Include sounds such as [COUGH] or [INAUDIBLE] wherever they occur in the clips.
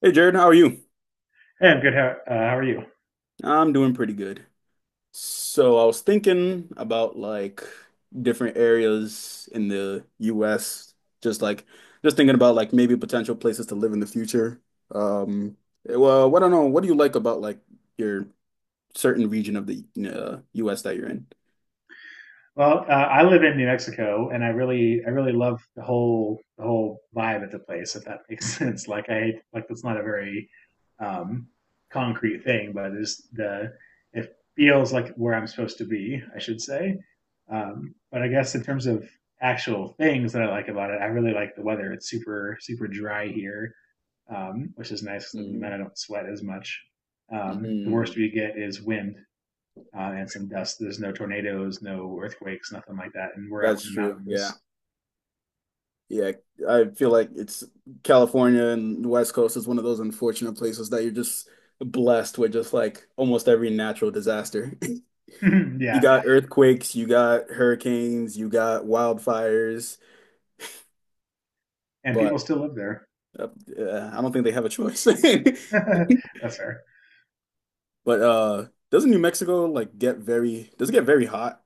Hey Jared, how are you? Hey, I'm good. How how are you? I'm doing pretty good. So I was thinking about like different areas in the US, just like just thinking about like maybe potential places to live in the future. Um, well, I don't know. What do you like about like your certain region of the US that you're in? Well, I live in New Mexico, and I really love the whole vibe of the place. If that makes [LAUGHS] sense, like like that's not a very um, concrete thing. It feels like where I'm supposed to be, I should say. But I guess in terms of actual things that I like about it, I really like the weather. It's super dry here, which is nice, 'cause then Mm, I don't sweat as much. The worst mm, we get is wind, and some dust. There's no tornadoes, no earthquakes, nothing like that. And we're up that's in the true. Yeah. mountains. Yeah, I feel like it's California and the West Coast is one of those unfortunate places that you're just blessed with just like almost every natural disaster. [LAUGHS] [LAUGHS] You Yeah, got earthquakes, you got hurricanes, you got wildfires, and but people still live there. uh, I don't think they have a choice. [LAUGHS] [LAUGHS] That's fair. But doesn't New Mexico like does it get very hot?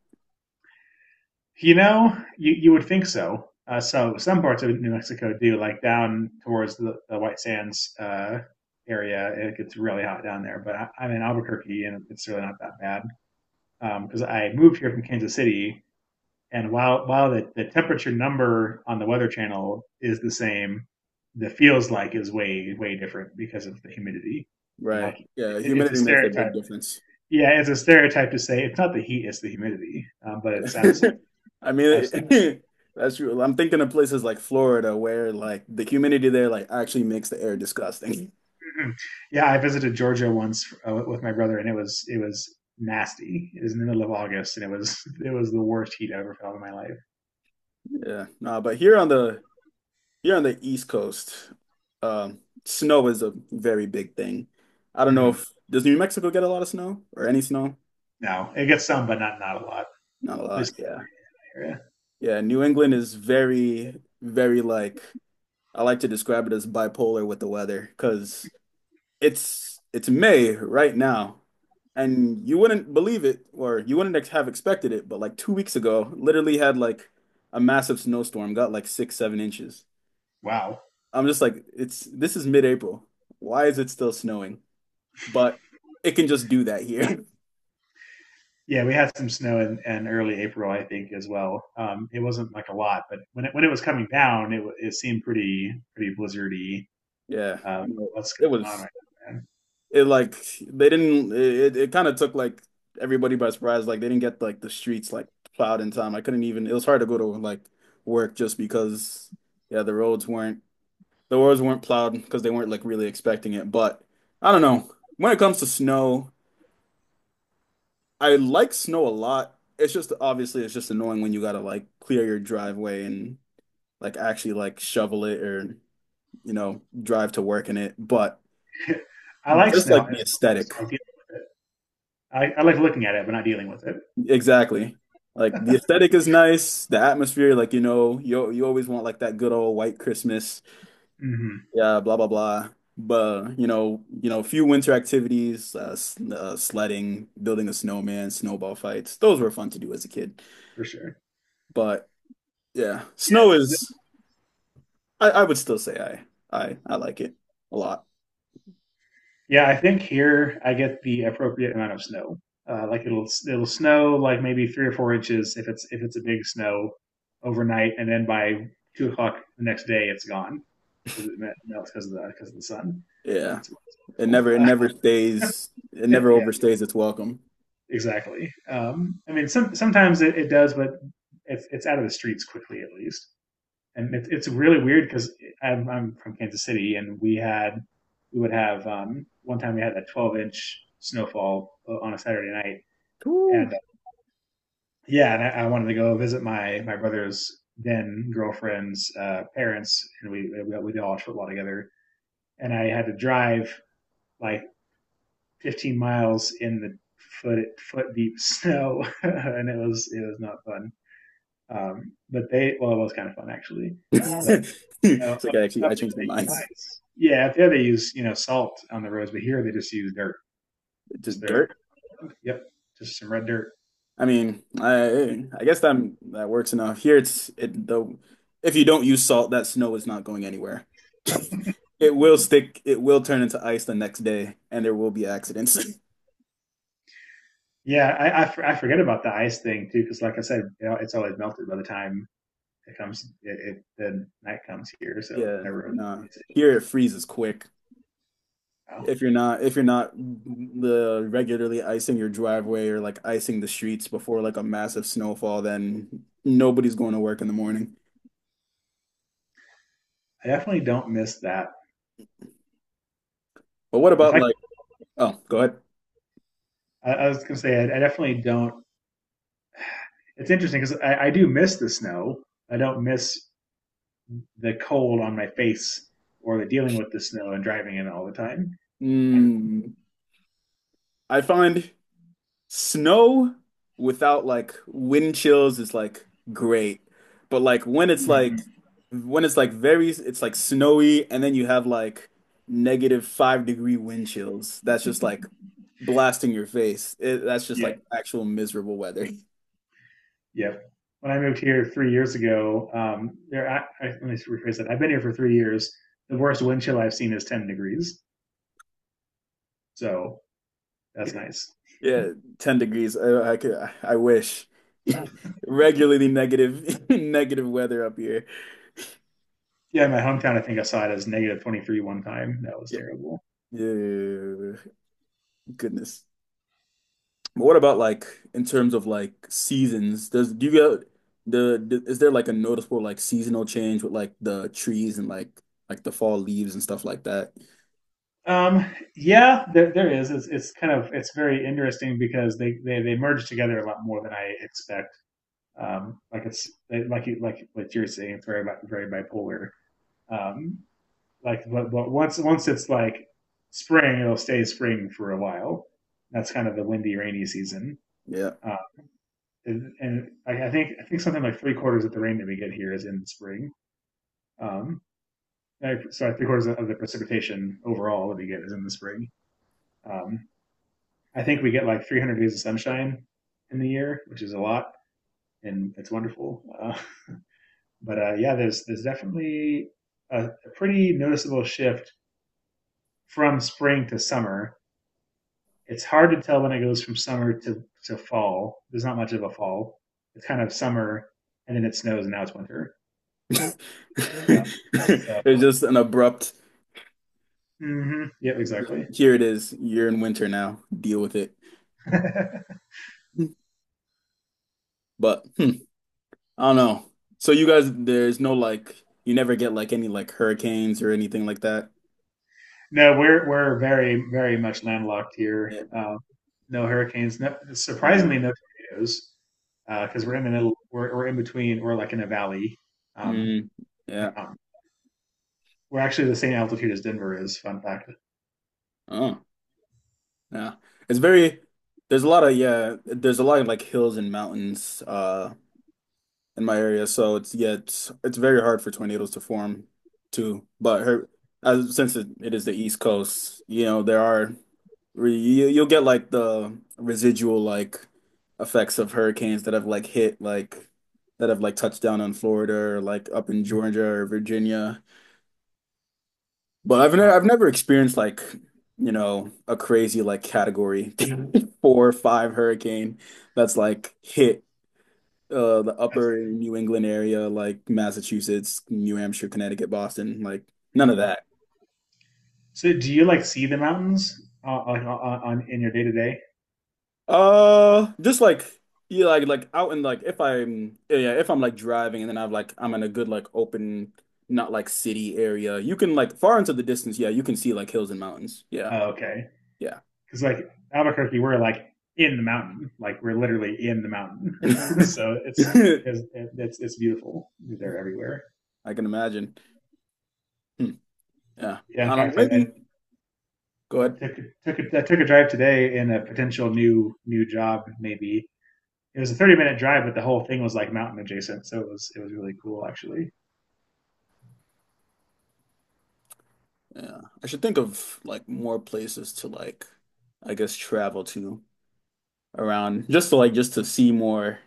You know, you would think so. So some parts of New Mexico do, like down towards the White Sands area. It gets really hot down there, but I'm in Albuquerque and it's really not that bad. Because I moved here from Kansas City. And while the temperature number on the Weather Channel is the same, the feels like is way different because of the humidity. And Right. Yeah, it's a humidity makes a big stereotype. difference. Yeah, it's a stereotype to say it's not the heat, it's the humidity. But it's absolutely, [LAUGHS] I mean, absolutely. [CLEARS THROAT] [LAUGHS] That's true. I'm thinking of places like Florida where like the humidity there like actually makes the air disgusting. [LAUGHS] Yeah, I visited Georgia once with my brother, and it was nasty. It was in the middle of August, and it was [LAUGHS] it was the worst heat I ever felt in my life. Yeah, no, but here on the East Coast, um, snow is a very big thing. I don't know Mhm. if does New Mexico get a lot of snow or any snow? No, it gets some, but not a lot. Not a At lot, least yeah. in the area. Yeah, New England is very, very like I like to describe it as bipolar with the weather because it's May right now, and you wouldn't believe it, or you wouldn't have expected it, but like 2 weeks ago, literally had like a massive snowstorm, got like 6, 7 inches. Wow. I'm just like, it's this is mid-April. Why is it still snowing? But it can just do that here. [LAUGHS] Yeah, we had some snow in early April, I think, as well. It wasn't like a lot, but when it was coming down, it seemed pretty blizzardy. Yeah, Um, no, what's it going on was right now, it like they didn't it kind of took like everybody by surprise. Like they didn't get like the streets like plowed in time. I couldn't even. It was hard to go to like work just because, yeah, the roads weren't. The roads weren't plowed because they weren't like really expecting it. But I don't know. When it comes to snow, I like snow a lot. It's just obviously it's just annoying when you gotta like clear your driveway and like actually like shovel it or you know drive to work in it. But man? [LAUGHS] I like just snow. like the I just don't aesthetic, like dealing with it. I like looking at it, but not dealing with it. exactly. Like the aesthetic is nice, the atmosphere, like you know, you always want like that good old white Christmas. Hmm. Yeah, blah blah blah. But a few winter activities, sledding, building a snowman, snowball fights. Those were fun to do as a kid. For sure. But yeah, snow Yeah. is I would still say I like it a lot. Yeah, I think here I get the appropriate amount of snow. Like it'll snow like maybe 3 or 4 inches if it's a big snow overnight, and then by 2 o'clock the next day it's gone because it melts because of the sun. Yeah, It's wonderful. [LAUGHS] It never Yeah, overstays its welcome. exactly. I mean, sometimes it does, but it's out of the streets quickly at least. And it's really weird because I'm from Kansas City, and we would have one time we had a 12-inch snowfall on a Saturday night, and yeah, and I wanted to go visit my brother's then girlfriend's parents, and we did all watch football together, and I had to drive like 15 miles in the foot foot deep snow, [LAUGHS] and it was not fun. But they, well, it was kind of fun actually. But [LAUGHS] you know, It's like I actually up I there changed my they use mind. ice. Yeah, up there they use, you know, salt on the roads, but here they just use dirt. D- Just throw Dirt. dirt. Yep, just some red dirt. I mean, I guess that works enough. Here it though, if you don't use salt, that snow is not going anywhere. [LAUGHS] It will stick, it will turn into ice the next day, and there will be accidents. [LAUGHS] Yeah, I forget about the ice thing too, because like I said, you know, it's always melted by the time it comes. It The night comes here, so it's Yeah, never really nah. it's Here it freezes quick. Wow. If you're not the regularly icing your driveway or like icing the streets before like a massive snowfall, then nobody's going to work in the morning. I definitely don't miss that. But what If about I, like, oh, go ahead. I was gonna say, I definitely don't. It's interesting because I do miss the snow. I don't miss the cold on my face or the dealing with the snow and driving in all the time. Kind of. Mm, I find snow without like wind chills is like great. But like when it's like Mm-hmm. when it's like very it's like snowy, and then you have like negative 5 degree wind chills. That's just like blasting your face. That's just like Yep. actual miserable weather. [LAUGHS] Yep. When I moved here 3 years ago, let me rephrase that. I've been here for 3 years. The worst wind chill I've seen is 10 degrees. So that's nice. Yeah, 10 degrees. I could I wish. [LAUGHS] Regularly negative [LAUGHS] negative weather up here. Yeah, in my hometown, I think I saw it as negative 23 one time. That was Yeah. terrible. Yeah, yeah, yeah, yeah, yeah. Goodness. But what about like in terms of like seasons? Does Do you get the is there like a noticeable like seasonal change with like the trees and like the fall leaves and stuff like that? Um, yeah, there is. It's kind of it's very interesting because they merge together a lot more than I expect. Like it's like you, like what you're saying, it's very bipolar. Um, but once it's like spring, it'll stay spring for a while. That's kind of the windy, rainy season. Yeah. Uh, and I think something like three-quarters of the rain that we get here is in the spring. Um, like, so three-quarters of the precipitation overall that we get is in the spring. Um, I think we get like 300 days of sunshine in the year, which is a lot, and it's wonderful. But Yeah, there's definitely a pretty noticeable shift from spring to summer. It's hard to tell when it goes from summer to fall. There's not much of a fall. It's kind of summer, and then it snows, and now it's winter. [LAUGHS] Uh, so, It's just an abrupt. hmm. Yep, exactly. Here it is. You're in winter now. Deal with it. [LAUGHS] But I don't know. So you guys, there's no like, you never get like any like hurricanes or anything like that. No, we're very much landlocked here. Yeah. No hurricanes. No, surprisingly, Yeah. no tornadoes because we're in the middle. We're in between. We're like in a valley um, Mm, on yeah. a mountain. We're actually the same altitude as Denver is. Fun fact. Oh. Yeah. It's very there's a lot of yeah, there's a lot of like hills and mountains in my area, so it's yeah, it's very hard for tornadoes to form too. But her as since it is the East Coast, you know, there are you'll get like the residual like effects of hurricanes that have like touched down on Florida or like up in Georgia or Virginia. But I've never Wow, I've never experienced like, you know, a crazy like category [LAUGHS] 4 or 5 hurricane that's like hit the that's upper good. New England area, like Massachusetts, New Hampshire, Connecticut, Boston, like none of Hmm. that. So, do you like see the mountains on in your day to day? Just like, yeah, like out in like if I'm yeah, if I'm like driving, and then I'm in a good like open, not like city area. You can like far into the distance, yeah, you can see like hills and mountains. Yeah. Oh, okay, Yeah. because like Albuquerque, we're like in the mountain. Like we're literally in the mountain. [LAUGHS] [LAUGHS] So it's I it's, it's it's beautiful. They're everywhere. can imagine. Hmm. Yeah. Yeah. I In don't fact, know. Maybe. Go I ahead. took took a, I took a drive today in a potential new job. Maybe it was a 30 minute drive, but the whole thing was like mountain adjacent. So it was really cool actually. Yeah. I should think of like more places to like I guess travel to around, just to like just to see more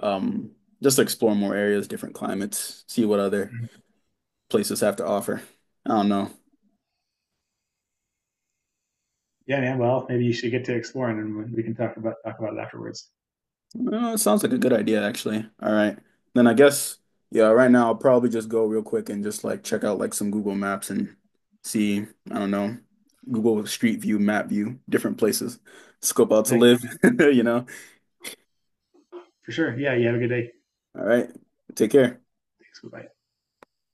um just to explore more areas, different climates, see what other Hmm. places have to offer. I don't know. Yeah, man. Well, maybe you should get to exploring, and we can talk about it afterwards. It sounds like a good idea actually. All right. Then I guess, yeah, right now I'll probably just go real quick and just like check out like some Google Maps and see, I don't know, Google Street View, map view, different places, scope out to Like, yeah, live. man, [LAUGHS] you know. for sure. Yeah, you have a good day. All right. Take care. Thanks. Bye.